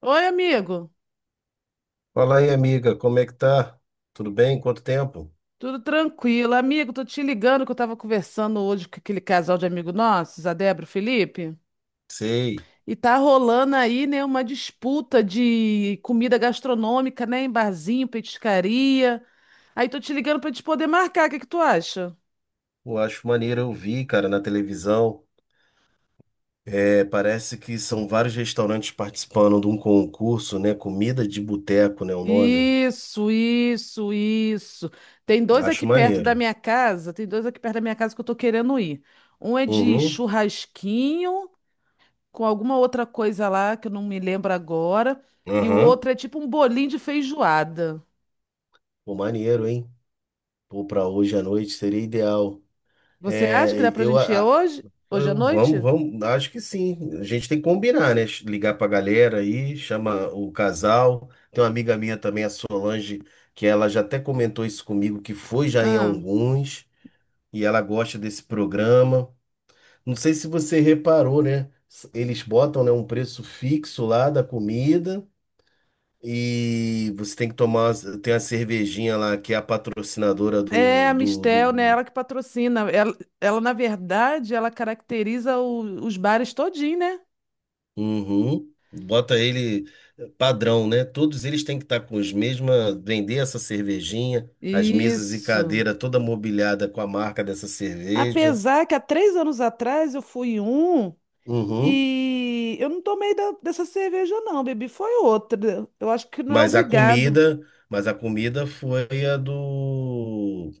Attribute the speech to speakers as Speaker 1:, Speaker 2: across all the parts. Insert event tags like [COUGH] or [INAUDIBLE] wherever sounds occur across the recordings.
Speaker 1: Oi, amigo.
Speaker 2: Fala aí, amiga, como é que tá? Tudo bem? Quanto tempo?
Speaker 1: Tudo tranquilo? Amigo, tô te ligando que eu tava conversando hoje com aquele casal de amigo nossos, a Débora e o Felipe,
Speaker 2: Sei.
Speaker 1: e tá rolando aí, né, uma disputa de comida gastronômica, né, em barzinho, petiscaria. Aí tô te ligando pra gente poder marcar, o que que tu acha?
Speaker 2: Eu acho maneiro, eu vi, cara, na televisão. É, parece que são vários restaurantes participando de um concurso, né? Comida de boteco, né? O nome.
Speaker 1: Isso, isso, isso. Tem dois
Speaker 2: Acho
Speaker 1: aqui perto da
Speaker 2: maneiro.
Speaker 1: minha casa, tem dois aqui perto da minha casa que eu tô querendo ir. Um é de
Speaker 2: Uhum.
Speaker 1: churrasquinho com alguma outra coisa lá que eu não me lembro agora. E o
Speaker 2: Aham.
Speaker 1: outro é tipo um bolinho de feijoada.
Speaker 2: Pô, maneiro, hein? Pô, pra hoje à noite seria ideal.
Speaker 1: Você acha
Speaker 2: É,
Speaker 1: que dá pra
Speaker 2: eu,
Speaker 1: gente ir
Speaker 2: a-
Speaker 1: hoje? Hoje à
Speaker 2: Vamos,
Speaker 1: noite?
Speaker 2: vamos, acho que sim. A gente tem que combinar, né? Ligar pra galera aí, chama o casal. Tem uma amiga minha também, a Solange, que ela já até comentou isso comigo, que foi já em
Speaker 1: Ah.
Speaker 2: alguns, e ela gosta desse programa. Não sei se você reparou, né? Eles botam, né, um preço fixo lá da comida e você tem que tomar, tem a cervejinha lá que é a patrocinadora
Speaker 1: É,
Speaker 2: do,
Speaker 1: a
Speaker 2: do,
Speaker 1: Mistel, né?
Speaker 2: do
Speaker 1: Ela que patrocina. Ela, na verdade, ela caracteriza os bares todinho, né?
Speaker 2: Uhum. Bota ele padrão, né? Todos eles têm que estar com os mesmos, vender essa cervejinha, as mesas e
Speaker 1: Isso.
Speaker 2: cadeira toda mobiliada com a marca dessa cerveja.
Speaker 1: Apesar que há três anos atrás eu fui em um
Speaker 2: Uhum.
Speaker 1: e eu não tomei dessa cerveja, não, bebi. Foi outra. Eu acho que não é
Speaker 2: Mas a
Speaker 1: obrigado.
Speaker 2: comida, mas a comida foi a do,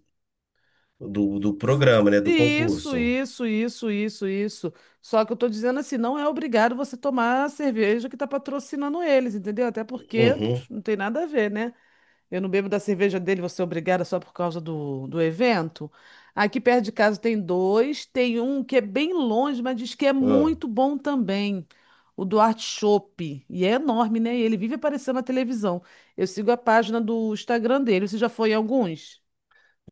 Speaker 2: do, do
Speaker 1: Fu-
Speaker 2: programa, né? Do
Speaker 1: Isso,
Speaker 2: concurso.
Speaker 1: isso, isso, isso, isso. Só que eu tô dizendo assim, não é obrigado você tomar a cerveja que tá patrocinando eles, entendeu? Até porque
Speaker 2: Uhum.
Speaker 1: pff, não tem nada a ver, né? Eu não bebo da cerveja dele, você é obrigada só por causa do evento. Aqui perto de casa tem dois, tem um que é bem longe, mas diz que é
Speaker 2: Ah,
Speaker 1: muito bom também. O Duarte Chopp. E é enorme, né? E ele vive aparecendo na televisão. Eu sigo a página do Instagram dele. Você já foi em alguns?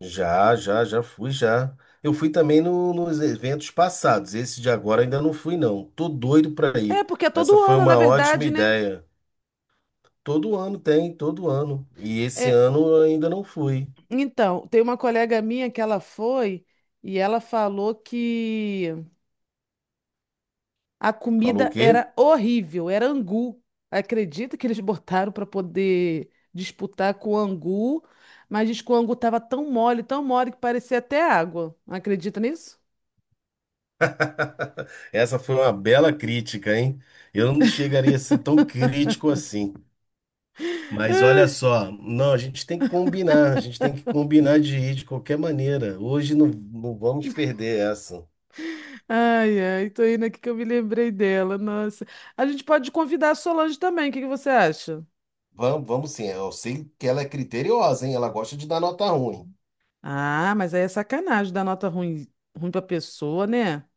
Speaker 2: Já fui, já. Eu fui também nos eventos passados. Esse de agora ainda não fui, não. Tô doido pra
Speaker 1: É,
Speaker 2: ir.
Speaker 1: porque é
Speaker 2: Essa
Speaker 1: todo
Speaker 2: foi
Speaker 1: ano, na
Speaker 2: uma ótima
Speaker 1: verdade, né?
Speaker 2: ideia. Todo ano tem, todo ano. E esse
Speaker 1: É,
Speaker 2: ano eu ainda não fui.
Speaker 1: então, tem uma colega minha que ela foi e ela falou que a
Speaker 2: Falou o
Speaker 1: comida
Speaker 2: quê?
Speaker 1: era horrível, era angu. Acredita que eles [LAUGHS] botaram para poder disputar com o angu, mas diz que o angu estava tão mole que parecia até água. Acredita nisso?
Speaker 2: [LAUGHS] Essa foi uma bela crítica, hein? Eu não chegaria a ser tão crítico assim. Mas olha
Speaker 1: Ai,
Speaker 2: só, não, a gente tem que combinar, a gente tem que combinar de ir de qualquer maneira. Hoje não, não vamos perder essa.
Speaker 1: ai, ai, tô indo aqui que eu me lembrei dela, nossa. A gente pode convidar a Solange também, o que que você acha?
Speaker 2: Vamos, vamos sim. Eu sei que ela é criteriosa, hein? Ela gosta de dar nota ruim.
Speaker 1: Ah, mas aí é sacanagem dar nota ruim, ruim pra pessoa, né?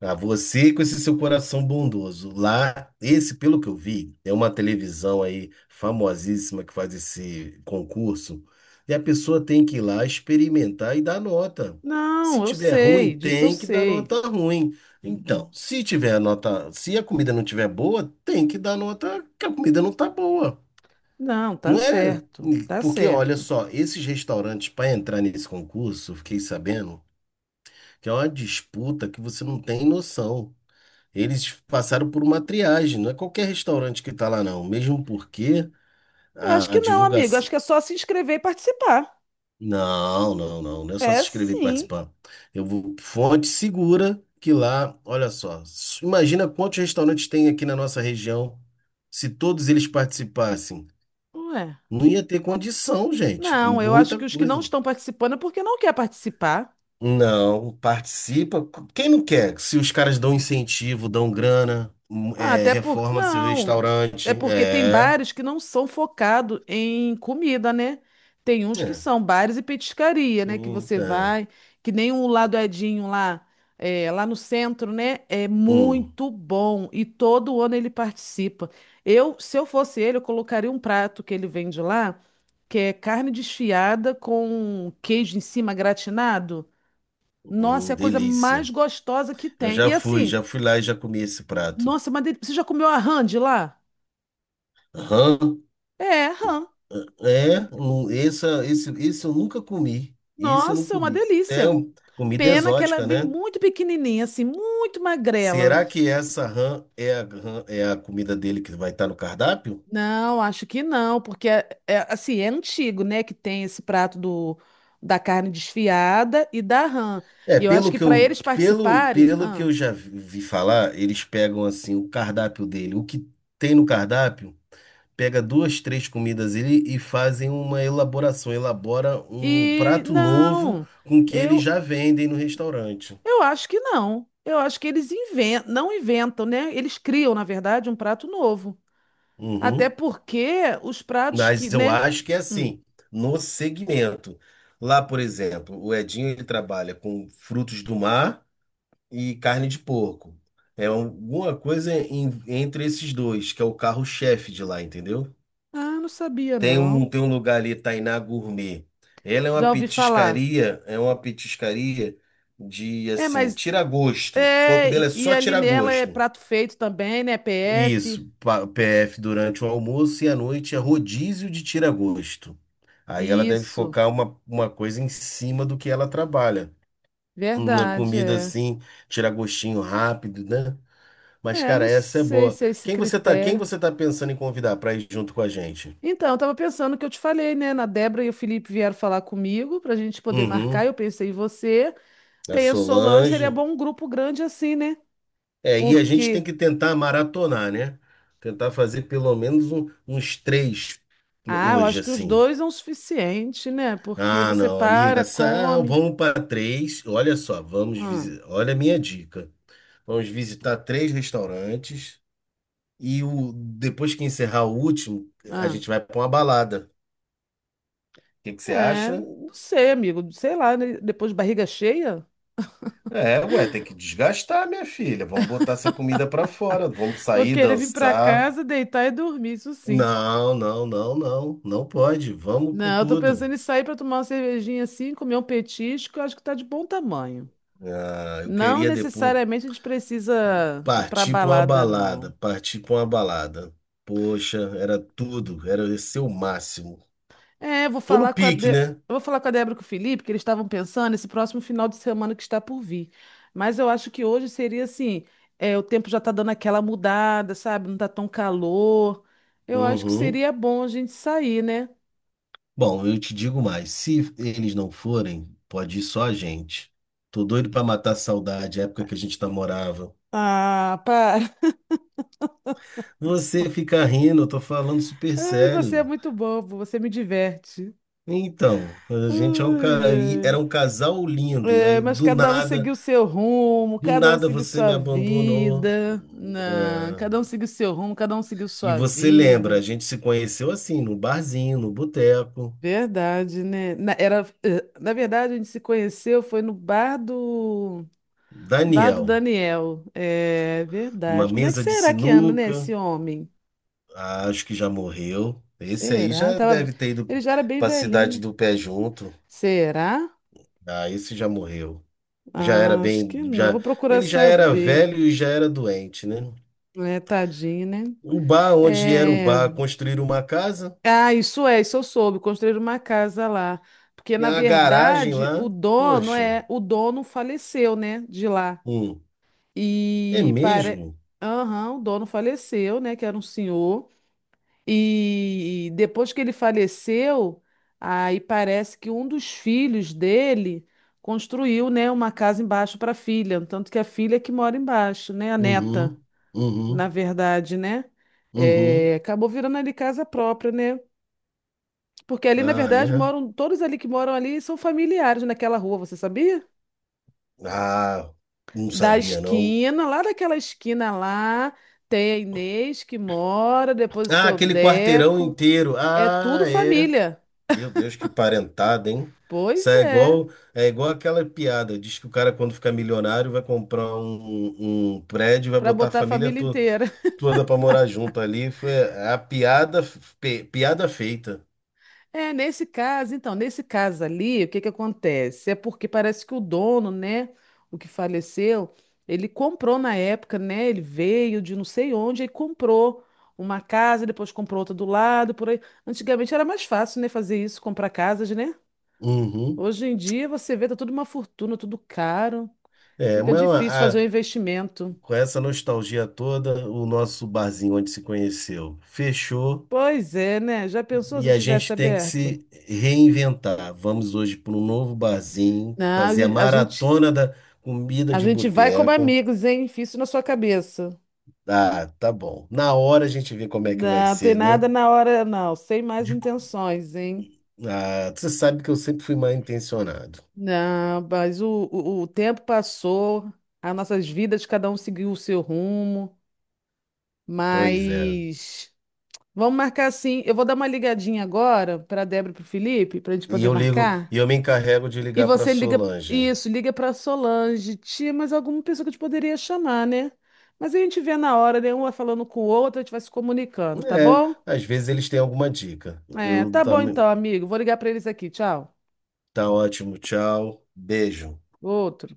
Speaker 2: Ah, você com esse seu coração bondoso. Lá, esse, pelo que eu vi, é uma televisão aí famosíssima que faz esse concurso. E a pessoa tem que ir lá experimentar e dar nota.
Speaker 1: Não,
Speaker 2: Se
Speaker 1: eu
Speaker 2: tiver ruim,
Speaker 1: sei, disso eu
Speaker 2: tem que dar
Speaker 1: sei.
Speaker 2: nota ruim. Então, se tiver nota, se a comida não tiver boa, tem que dar nota que a comida não tá boa.
Speaker 1: Não, tá
Speaker 2: Não é?
Speaker 1: certo, tá
Speaker 2: Porque olha
Speaker 1: certo.
Speaker 2: só, esses restaurantes para entrar nesse concurso, eu fiquei sabendo que é uma disputa que você não tem noção. Eles passaram por uma triagem, não é qualquer restaurante que está lá, não. Mesmo porque
Speaker 1: Eu acho
Speaker 2: a
Speaker 1: que não, amigo.
Speaker 2: divulgação.
Speaker 1: Acho que é só se inscrever e participar.
Speaker 2: Não, não, não. Não é só se
Speaker 1: É
Speaker 2: inscrever e
Speaker 1: sim.
Speaker 2: participar. Eu vou. Fonte segura que lá, olha só. Imagina quantos restaurantes tem aqui na nossa região. Se todos eles participassem,
Speaker 1: Ué.
Speaker 2: não ia ter condição, gente. É
Speaker 1: Não, eu acho
Speaker 2: muita
Speaker 1: que os que não
Speaker 2: coisa.
Speaker 1: estão participando é porque não quer participar.
Speaker 2: Não, participa. Quem não quer? Se os caras dão incentivo, dão grana,
Speaker 1: Ah,
Speaker 2: é,
Speaker 1: até porque.
Speaker 2: reforma seu
Speaker 1: Não,
Speaker 2: restaurante.
Speaker 1: é porque tem
Speaker 2: É.
Speaker 1: bares que não são focados em comida, né? Tem uns que
Speaker 2: É.
Speaker 1: são bares e petiscaria, né? Que você
Speaker 2: Eita,
Speaker 1: vai, que nem o Ladoedinho lá, é, lá no centro, né? É
Speaker 2: hum,
Speaker 1: muito bom. E todo ano ele participa. Eu, se eu fosse ele, eu colocaria um prato que ele vende lá, que é carne desfiada com queijo em cima gratinado. Nossa, é a coisa mais
Speaker 2: delícia.
Speaker 1: gostosa que
Speaker 2: Eu
Speaker 1: tem. E assim,
Speaker 2: já fui lá e já comi esse prato.
Speaker 1: nossa, mas você já comeu a hand lá?
Speaker 2: Aham.
Speaker 1: É, rã.
Speaker 2: Esse eu nunca comi. Isso eu não
Speaker 1: Nossa, é uma
Speaker 2: comi. É
Speaker 1: delícia.
Speaker 2: comida
Speaker 1: Pena que ela é
Speaker 2: exótica,
Speaker 1: vem
Speaker 2: né?
Speaker 1: muito pequenininha, assim, muito magrela.
Speaker 2: Será que essa rã é é a comida dele que vai estar no cardápio?
Speaker 1: Não, acho que não, porque é, é, assim, é antigo, né, que tem esse prato do, da carne desfiada e da rã.
Speaker 2: É,
Speaker 1: E eu acho
Speaker 2: pelo
Speaker 1: que
Speaker 2: que
Speaker 1: para eles participarem,
Speaker 2: pelo que
Speaker 1: ah,
Speaker 2: eu já vi falar, eles pegam assim o cardápio dele, o que tem no cardápio. Pega duas, três comidas ele e fazem uma elaboração, elabora um
Speaker 1: e
Speaker 2: prato novo
Speaker 1: não.
Speaker 2: com que eles
Speaker 1: Eu
Speaker 2: já vendem no restaurante.
Speaker 1: eu acho que não. Eu acho que eles inventam, não inventam, né? Eles criam, na verdade, um prato novo. Até
Speaker 2: Uhum.
Speaker 1: porque os pratos que,
Speaker 2: Mas eu
Speaker 1: né?
Speaker 2: acho que é
Speaker 1: Hum.
Speaker 2: assim, no segmento. Lá, por exemplo, o Edinho ele trabalha com frutos do mar e carne de porco. É alguma coisa entre esses dois, que é o carro-chefe de lá, entendeu?
Speaker 1: Ah, não sabia não.
Speaker 2: Tem um lugar ali, Tainá Gourmet. Ela
Speaker 1: Já ouvi falar.
Speaker 2: é uma petiscaria de,
Speaker 1: É,
Speaker 2: assim,
Speaker 1: mas
Speaker 2: tira gosto. O foco
Speaker 1: é,
Speaker 2: dela é
Speaker 1: e
Speaker 2: só
Speaker 1: ali
Speaker 2: tirar
Speaker 1: nela é
Speaker 2: gosto.
Speaker 1: prato feito também, né? PF.
Speaker 2: Isso, PF durante o almoço e à noite é rodízio de tira gosto. Aí ela deve
Speaker 1: Isso.
Speaker 2: focar uma coisa em cima do que ela trabalha. Uma
Speaker 1: Verdade,
Speaker 2: comida
Speaker 1: é.
Speaker 2: assim, tira gostinho rápido, né? Mas,
Speaker 1: É, eu
Speaker 2: cara,
Speaker 1: não
Speaker 2: essa é
Speaker 1: sei
Speaker 2: boa.
Speaker 1: se é esse
Speaker 2: Quem
Speaker 1: critério.
Speaker 2: você tá pensando em convidar para ir junto com a gente?
Speaker 1: Então, eu tava pensando o que eu te falei, né? Na Débora e o Felipe vieram falar comigo pra gente poder marcar.
Speaker 2: Uhum.
Speaker 1: Eu pensei em você.
Speaker 2: A
Speaker 1: Tem a Solange, seria
Speaker 2: Solange.
Speaker 1: bom um grupo grande assim, né?
Speaker 2: É, e a gente tem
Speaker 1: Porque,
Speaker 2: que tentar maratonar, né? Tentar fazer pelo menos uns três
Speaker 1: ah, eu
Speaker 2: hoje,
Speaker 1: acho que os
Speaker 2: assim.
Speaker 1: dois é o suficiente, né? Porque
Speaker 2: Ah,
Speaker 1: você
Speaker 2: não,
Speaker 1: para,
Speaker 2: amiga,
Speaker 1: come.
Speaker 2: vamos para três. Olha só, vamos
Speaker 1: Hum,
Speaker 2: visitar. Olha a minha dica. Vamos visitar três restaurantes e depois que encerrar o último, a
Speaker 1: Ah,
Speaker 2: gente vai para uma balada. O que que você
Speaker 1: é,
Speaker 2: acha?
Speaker 1: não sei, amigo. Sei lá, né? Depois de barriga cheia,
Speaker 2: É, ué, tem que desgastar, minha filha. Vamos botar essa comida para fora. Vamos
Speaker 1: vou
Speaker 2: sair,
Speaker 1: querer vir pra
Speaker 2: dançar.
Speaker 1: casa, deitar e dormir, isso sim.
Speaker 2: Não, não, não, não. Não pode. Vamos com
Speaker 1: Não, eu tô
Speaker 2: tudo.
Speaker 1: pensando em sair pra tomar uma cervejinha assim, comer um petisco, eu acho que tá de bom tamanho.
Speaker 2: Ah, eu
Speaker 1: Não
Speaker 2: queria depois
Speaker 1: necessariamente a gente precisa ir pra
Speaker 2: partir pra uma
Speaker 1: balada,
Speaker 2: balada,
Speaker 1: não.
Speaker 2: partir pra uma balada. Poxa, era tudo, era esse o máximo.
Speaker 1: É, vou
Speaker 2: Tô no
Speaker 1: falar com a
Speaker 2: pique,
Speaker 1: De... eu
Speaker 2: né?
Speaker 1: vou falar com a Débora e com o Felipe, que eles estavam pensando nesse próximo final de semana que está por vir. Mas eu acho que hoje seria assim, é, o tempo já está dando aquela mudada, sabe? Não está tão calor. Eu acho que
Speaker 2: Uhum.
Speaker 1: seria bom a gente sair, né?
Speaker 2: Bom, eu te digo mais, se eles não forem, pode ir só a gente. Tô doido pra matar a saudade, a época que a gente namorava.
Speaker 1: Ah, para. [LAUGHS]
Speaker 2: Você fica rindo, eu tô falando super
Speaker 1: Ai, você é
Speaker 2: sério.
Speaker 1: muito bobo, você me diverte.
Speaker 2: Então, a gente é
Speaker 1: Ai, ai.
Speaker 2: era um casal lindo,
Speaker 1: É,
Speaker 2: aí
Speaker 1: mas cada um seguiu seu rumo,
Speaker 2: do
Speaker 1: cada um
Speaker 2: nada
Speaker 1: seguiu
Speaker 2: você
Speaker 1: sua
Speaker 2: me abandonou.
Speaker 1: vida. Não,
Speaker 2: Ah,
Speaker 1: cada um seguiu seu rumo, cada um seguiu
Speaker 2: e
Speaker 1: sua
Speaker 2: você lembra, a
Speaker 1: vida.
Speaker 2: gente se conheceu assim, no barzinho, no boteco.
Speaker 1: Verdade, né? Na, era, eh, na verdade, a gente se conheceu foi no bar do
Speaker 2: Daniel,
Speaker 1: Daniel. É
Speaker 2: uma
Speaker 1: verdade. Como é que
Speaker 2: mesa de
Speaker 1: será que anda, né,
Speaker 2: sinuca.
Speaker 1: esse homem?
Speaker 2: Ah, acho que já morreu. Esse aí
Speaker 1: Será?
Speaker 2: já
Speaker 1: Tava,
Speaker 2: deve ter ido
Speaker 1: ele já era bem
Speaker 2: para a cidade
Speaker 1: velhinho, né?
Speaker 2: do pé junto.
Speaker 1: Será?
Speaker 2: Ah, esse já morreu. Já era
Speaker 1: Ah, acho
Speaker 2: bem,
Speaker 1: que não.
Speaker 2: já,
Speaker 1: Vou procurar
Speaker 2: ele já era
Speaker 1: saber.
Speaker 2: velho e já era doente, né?
Speaker 1: É, tadinho, né?
Speaker 2: O bar onde era o
Speaker 1: É...
Speaker 2: bar, construíram uma casa,
Speaker 1: Ah, isso é, isso eu soube. Construíram uma casa lá. Porque,
Speaker 2: tem
Speaker 1: na
Speaker 2: uma garagem
Speaker 1: verdade, o
Speaker 2: lá.
Speaker 1: dono
Speaker 2: Poxa,
Speaker 1: é, o dono faleceu, né, de lá.
Speaker 2: hum, é
Speaker 1: E para...
Speaker 2: mesmo?
Speaker 1: Aham, o dono faleceu, né? Que era um senhor. E depois que ele faleceu, aí parece que um dos filhos dele construiu, né, uma casa embaixo para a filha. Tanto que a filha é que mora embaixo, né? A neta,
Speaker 2: Uhum,
Speaker 1: na
Speaker 2: uhum,
Speaker 1: verdade, né?
Speaker 2: uhum.
Speaker 1: É, acabou virando ali casa própria, né? Porque ali, na
Speaker 2: Ah,
Speaker 1: verdade,
Speaker 2: é.
Speaker 1: moram, todos ali que moram ali são familiares naquela rua, você sabia?
Speaker 2: Ah, não
Speaker 1: Da
Speaker 2: sabia não.
Speaker 1: esquina, lá daquela esquina lá, tem a Inês que mora, depois o
Speaker 2: Ah,
Speaker 1: seu
Speaker 2: aquele quarteirão
Speaker 1: Deco.
Speaker 2: inteiro.
Speaker 1: É
Speaker 2: Ah,
Speaker 1: tudo
Speaker 2: é.
Speaker 1: família.
Speaker 2: Meu Deus, que parentada, hein? Isso
Speaker 1: Pois
Speaker 2: é
Speaker 1: é,
Speaker 2: igual, é igual aquela piada. Diz que o cara, quando ficar milionário, vai comprar um prédio e vai
Speaker 1: para
Speaker 2: botar a
Speaker 1: botar a família inteira. [LAUGHS]
Speaker 2: toda pra morar junto ali. Foi a piada, piada feita.
Speaker 1: É, nesse caso, então, nesse caso ali, o que que acontece? É porque parece que o dono, né, o que faleceu, ele comprou na época, né? Ele veio de não sei onde e comprou uma casa, depois comprou outra do lado, por aí. Antigamente era mais fácil, né, fazer isso, comprar casas, né?
Speaker 2: Uhum.
Speaker 1: Hoje em dia você vê, tá tudo uma fortuna, tudo caro.
Speaker 2: É,
Speaker 1: Fica
Speaker 2: mas
Speaker 1: difícil fazer um investimento.
Speaker 2: com essa nostalgia toda, o nosso barzinho onde se conheceu fechou.
Speaker 1: Pois é, né? Já pensou
Speaker 2: E
Speaker 1: se
Speaker 2: a
Speaker 1: tivesse
Speaker 2: gente tem que
Speaker 1: aberto?
Speaker 2: se reinventar. Vamos hoje para um novo barzinho,
Speaker 1: Não,
Speaker 2: fazer a maratona da comida
Speaker 1: a
Speaker 2: de
Speaker 1: gente vai como
Speaker 2: boteco.
Speaker 1: amigos, hein? Fiz isso na sua cabeça.
Speaker 2: Ah, tá bom. Na hora a gente vê como é que vai
Speaker 1: Não, tem
Speaker 2: ser, né?
Speaker 1: nada na hora, não. Sem mais
Speaker 2: De-
Speaker 1: intenções, hein?
Speaker 2: Ah, você sabe que eu sempre fui mal intencionado.
Speaker 1: Não, mas o tempo passou, as nossas vidas, cada um seguiu o seu rumo,
Speaker 2: Pois é.
Speaker 1: mas vamos marcar sim. Eu vou dar uma ligadinha agora para a Débora e para o Felipe, para a gente
Speaker 2: E
Speaker 1: poder
Speaker 2: eu ligo, e
Speaker 1: marcar.
Speaker 2: eu me encarrego de
Speaker 1: E
Speaker 2: ligar para
Speaker 1: você liga,
Speaker 2: Solange.
Speaker 1: isso, liga pra Solange, tia, mas alguma pessoa que a gente poderia chamar, né? Mas a gente vê na hora, né? Uma falando com o outro, a gente vai se comunicando, tá bom?
Speaker 2: É, às vezes eles têm alguma dica.
Speaker 1: É,
Speaker 2: Eu
Speaker 1: tá bom
Speaker 2: também.
Speaker 1: então, amigo. Vou ligar pra eles aqui. Tchau.
Speaker 2: Tá ótimo, tchau. Beijo.
Speaker 1: Outro.